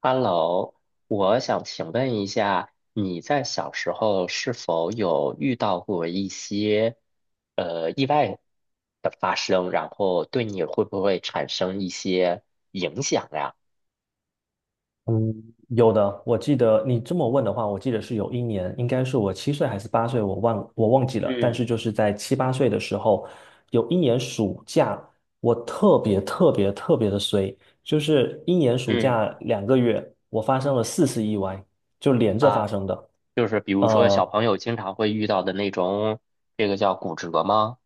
Hello，我想请问一下，你在小时候是否有遇到过一些意外的发生，然后对你会不会产生一些影响呀？嗯，有的，我记得你这么问的话，我记得是有一年，应该是我7岁还是八岁，我忘记了。但嗯是就是在七八岁的时候，有一年暑假，我特别特别特别的衰，就是一年暑嗯。假2个月，我发生了4次意外，就连着发啊，生的，就是比如说小呃，朋友经常会遇到的那种，这个叫骨折吗？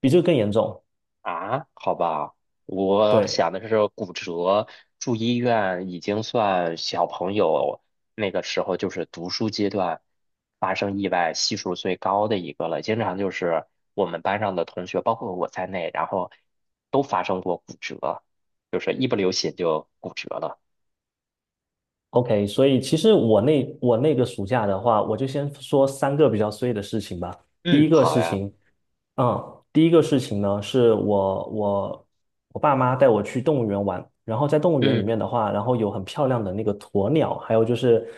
比这个更严重。啊，好吧，我对，想的是骨折。住医院已经算小朋友那个时候就是读书阶段发生意外系数最高的一个了，经常就是我们班上的同学，包括我在内，然后都发生过骨折，就是一不留神就骨折了。OK，所以其实我那个暑假的话，我就先说三个比较衰的事情吧。第嗯，一个好事呀。情，第一个事情呢，我爸妈带我去动物园玩，然后在动物园里嗯面的话，然后有很漂亮的那个鸵鸟，还有就是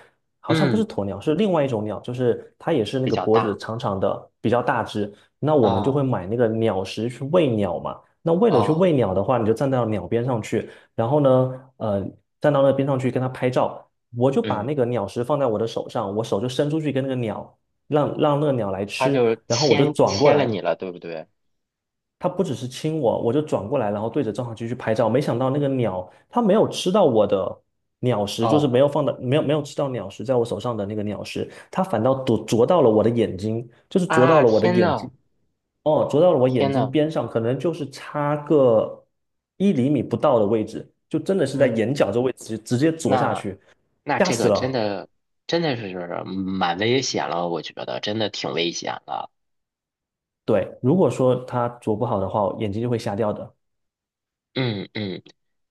好像不是嗯，鸵鸟，是另外一种鸟，就是它也是那比个较脖子大。长长的，比较大只。那我们就啊，会买那个鸟食去喂鸟嘛。那为了去哦。喂鸟的话，你就站到鸟边上去，然后呢，站到那边上去跟它拍照。我就把嗯，那个鸟食放在我的手上，我手就伸出去跟那个鸟，让那个鸟来他吃，就然后我就牵转过牵了来，你了，对不对？它不只是亲我，我就转过来，然后对着照相机去拍照。没想到那个鸟，它没有吃到我的鸟食，就是没哦。有放到没有没有吃到鸟食在我手上的那个鸟食，它反倒啄到了我的眼睛，就是啄到啊，了我的天眼睛，呐！哦，啄到了我眼天睛呐！边上，可能就是差个1厘米不到的位置，就真的是在嗯，眼角这位置直接啄下那去，那吓这死个真了。的真的是蛮危险了，我觉得真的挺危险的。对，如果说他啄不好的话，眼睛就会瞎掉的。嗯嗯，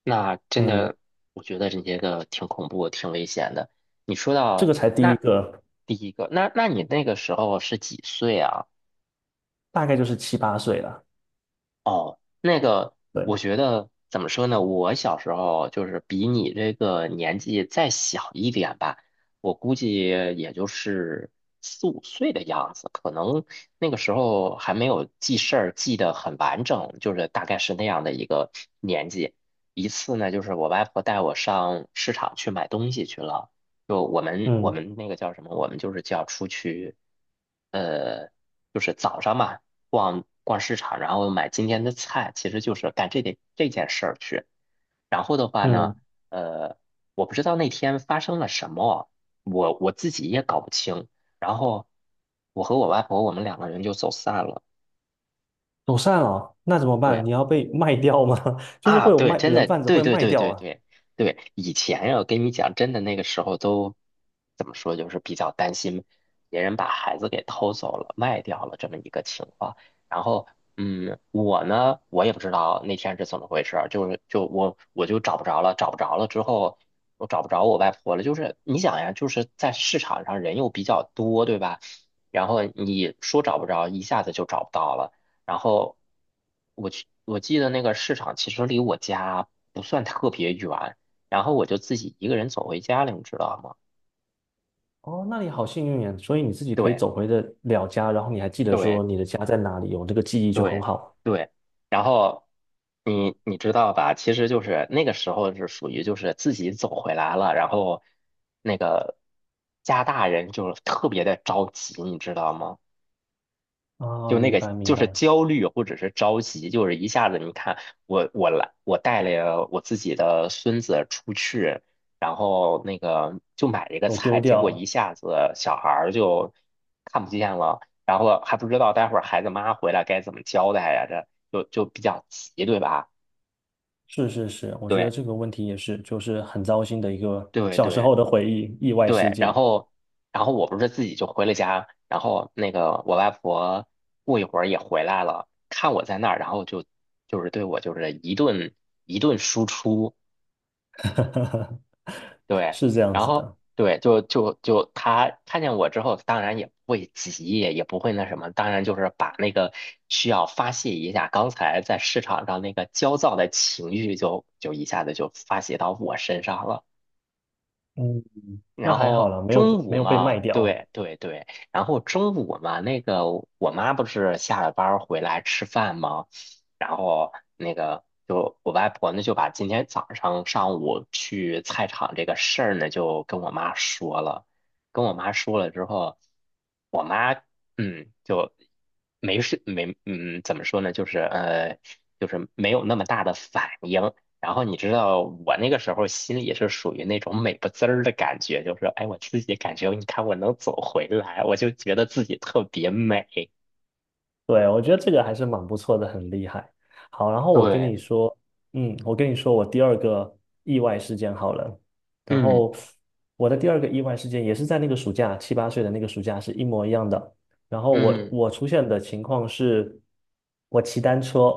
那真嗯，的我觉得这些个挺恐怖、挺危险的。你说这到个才第一那个，第一个，那你那个时候是几岁啊？大概就是七八岁了。哦，那个，我对，觉得怎么说呢？我小时候就是比你这个年纪再小一点吧，我估计也就是四五岁的样子，可能那个时候还没有记事儿记得很完整，就是大概是那样的一个年纪。一次呢，就是我外婆带我上市场去买东西去了，就我们我嗯们那个叫什么？我们就是叫出去，呃。就是早上嘛，逛逛市场，然后买今天的菜，其实就是干这点这件事儿去。然后的话嗯，呢，呃，我不知道那天发生了什么，我自己也搞不清。然后我和我外婆我们两个人就走散了。走散了，那怎么办？对。你要被卖掉吗？就是啊，会有对，卖真人的，贩子对会对卖对掉对啊。对对。以前呀，我跟你讲，真的那个时候都怎么说，就是比较担心别人把孩子给偷走了、卖掉了这么一个情况。然后，嗯，我呢，我也不知道那天是怎么回事儿，就是就我就找不着了，找不着了之后，我找不着我外婆了。就是你想呀，就是在市场上人又比较多，对吧？然后你说找不着，一下子就找不到了。然后我去，我记得那个市场其实离我家不算特别远，然后我就自己一个人走回家了，你知道吗？哦，那你好幸运呀，所以你自己可以对走回的了家，然后你还记得说你对的家在哪里，有这个记忆就很对好。对。然后你你知道吧？其实就是那个时候是属于就是自己走回来了，然后那个家大人就是特别的着急，你知道吗？啊，就那明个白明就是白，焦虑或者是着急，就是一下子你看我带了我自己的孙子出去，然后那个就买了一个有丢菜，结果一掉，下子小孩儿就看不见了，然后还不知道待会儿孩子妈回来该怎么交代呀，这就比较急，对吧？是是是，我觉得这对个问题也是，就是很糟心的一个对小时对。候的回忆，意外事对，然件，后，然后我不是自己就回了家，然后那个我外婆过一会儿也回来了，看我在那儿，然后就就是对我就是一顿输出。对，是这样然子后的。对，就她看见我之后，当然也不会急，也不会那什么，当然就是把那个需要发泄一下刚才在市场上那个焦躁的情绪就一下子就发泄到我身上了。嗯，那然还好后啦，没有中没午有被卖嘛，掉。对对对，然后中午嘛，那个我妈不是下了班儿回来吃饭吗？然后那个就我外婆呢就把今天早上上午去菜场这个事儿呢就跟我妈说了，跟我妈说了之后，我妈就没事没嗯怎么说呢，就是就是没有那么大的反应。然后你知道我那个时候心里是属于那种美不滋儿的感觉，就是哎，我自己感觉你看我能走回来，我就觉得自己特别美。对，我觉得这个还是蛮不错的，很厉害。好，然后对，我跟你说我第二个意外事件好了。然嗯后我的第二个意外事件也是在那个暑假，七八岁的那个暑假是一模一样的。然后我嗯我出现的情况是，我骑单车，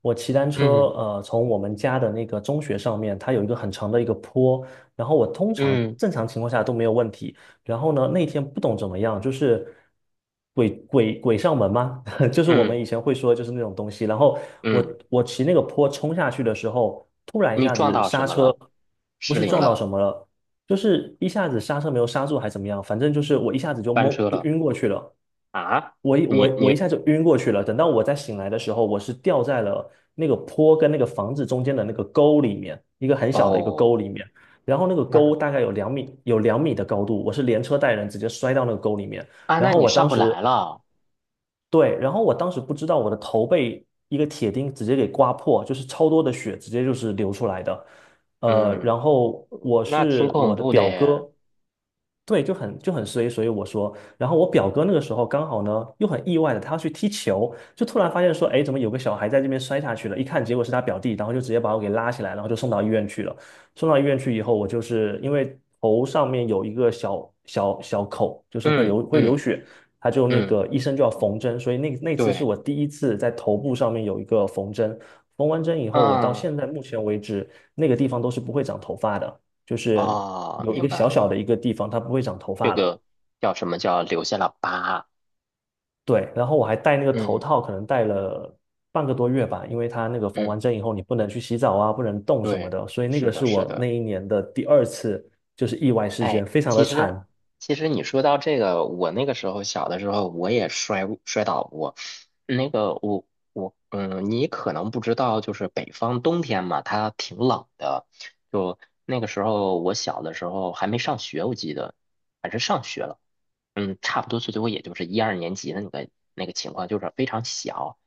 我骑单车，嗯从我们家的那个中学上面，它有一个很长的一个坡，然后我通常嗯正常情况下都没有问题。然后呢，那天不懂怎么样，就是鬼上门吗？就是我们以嗯前会说，就是那种东西。然后嗯。我骑那个坡冲下去的时候，突然一你下撞子到刹什么车，了？不失是灵撞到了？什么了，就是一下子刹车没有刹住，还怎么样？反正就是我一下子就翻懵，车就了？晕过去了。啊？我一我你我一你下就晕过去了。等到我再醒来的时候，我是掉在了那个坡跟那个房子中间的那个沟里面，一个很小的一个沟哦。里面。然后那个沟那。大概有两米的高度，我是连车带人直接摔到那个沟里面。啊，然那后你我上当不时来了。对，然后我当时不知道我的头被一个铁钉直接给刮破，就是超多的血直接就是流出来的。嗯，然后我那挺是恐我的怖的表耶。哥，对，就很衰，所以我说，然后我表哥那个时候刚好呢又很意外的，他要去踢球，就突然发现说，哎，怎么有个小孩在这边摔下去了？一看结果是他表弟，然后就直接把我给拉起来，然后就送到医院去了。送到医院去以后，我就是因为头上面有一个小小口，就是会嗯流会流嗯血。他就那嗯，个医生就要缝针，所以那那次是对。我第一次在头部上面有一个缝针。缝完针以后，我到嗯，现在目前为止，那个地方都是不会长头发的，就是哦，有一明个白小小了。的一个地方，它不会长头这发了。个叫什么叫留下了疤。对，然后我还戴那个头嗯套，可能戴了半个多月吧，因为它那个缝嗯，完针以后，你不能去洗澡啊，不能动什么对，的，所以那是个的，是是我那的。一年的第二次，就是意外事哎，件，非常其的实惨，其实你说到这个，我那个时候小的时候我也摔倒过。那个我我嗯，你可能不知道，就是北方冬天嘛，它挺冷的。就那个时候我小的时候还没上学，我记得还是上学了。嗯，差不多最多也就是一二年级的那个那个情况，就是非常小。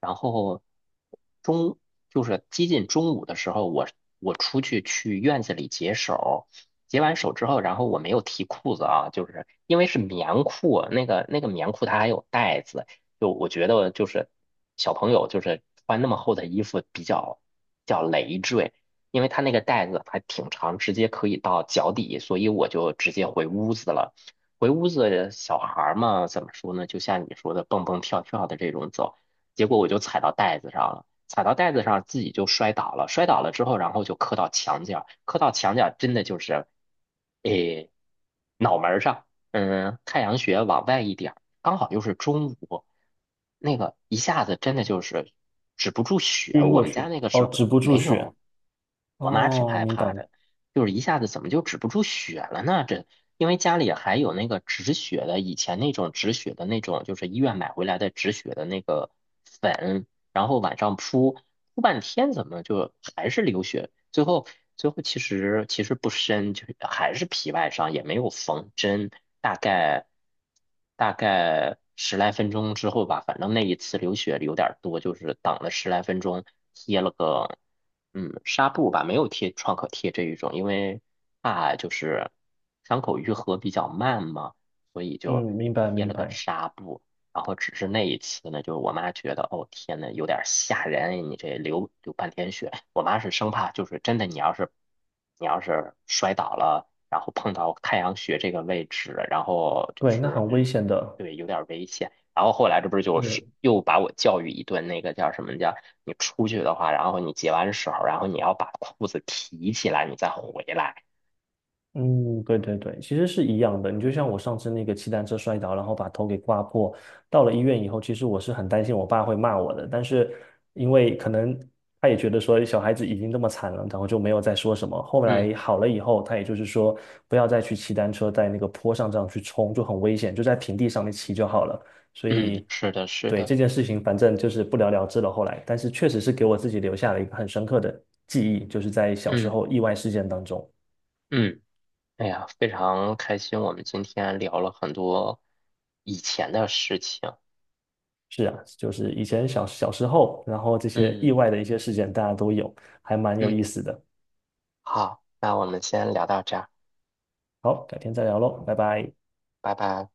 然后中就是接近中午的时候，我出去去院子里解手。解完手之后，然后我没有提裤子啊，就是因为是棉裤，那个棉裤它还有带子，就我觉得就是小朋友就是穿那么厚的衣服比较累赘，因为它那个带子还挺长，直接可以到脚底，所以我就直接回屋子了。回屋子，小孩儿嘛，怎么说呢？就像你说的，蹦蹦跳跳的这种走，结果我就踩到袋子上了，踩到袋子上自己就摔倒了，摔倒了之后，然后就磕到墙角，磕到墙角真的就是，诶，脑门儿上，嗯，太阳穴往外一点儿，刚好又是中午，那个一下子真的就是止不住血，晕我过们家去，那个时哦，候止不住没血，有，我妈挺哦，害明白，怕的。就是一下子怎么就止不住血了呢？这因为家里还有那个止血的，以前那种止血的那种，就是医院买回来的止血的那个粉，然后晚上铺半天，怎么就还是流血？最后其实不深，就是还是皮外伤，也没有缝针，大概大概十来分钟之后吧，反正那一次流血有点儿多，就是等了十来分钟，贴了个。嗯，纱布吧，没有贴创可贴这一种，因为怕就是伤口愈合比较慢嘛，所以嗯，就明白贴明了个白。纱布。然后只是那一次呢，就是我妈觉得，哦天呐，有点吓人，哎你这流半天血。我妈是生怕就是真的，你要是摔倒了，然后碰到太阳穴这个位置，然后就对，那很是危险的，对有点危险。然后后来这不是就是是又把我教育一顿，那个叫什么叫？你出去的话，然后你解完手，然后你要把裤子提起来，你再回来。嗯，对对对，其实是一样的。你就像我上次那个骑单车摔倒，然后把头给刮破，到了医院以后，其实我是很担心我爸会骂我的，但是因为可能他也觉得说小孩子已经这么惨了，然后就没有再说什么。后嗯来好了以后，他也就是说不要再去骑单车在那个坡上这样去冲，就很危险，就在平地上面骑就好了。所嗯，以，是的，是对的，这件事情，反正就是不了了之了。后来，但是确实是给我自己留下了一个很深刻的记忆，就是在小时嗯候意外事件当中。嗯，哎呀，非常开心，我们今天聊了很多以前的事情。是啊，就是以前小时候，然后这些意嗯外的一些事件大家都有，还蛮有意嗯，思的。好，那我们先聊到这儿，好，改天再聊喽，拜拜。拜拜。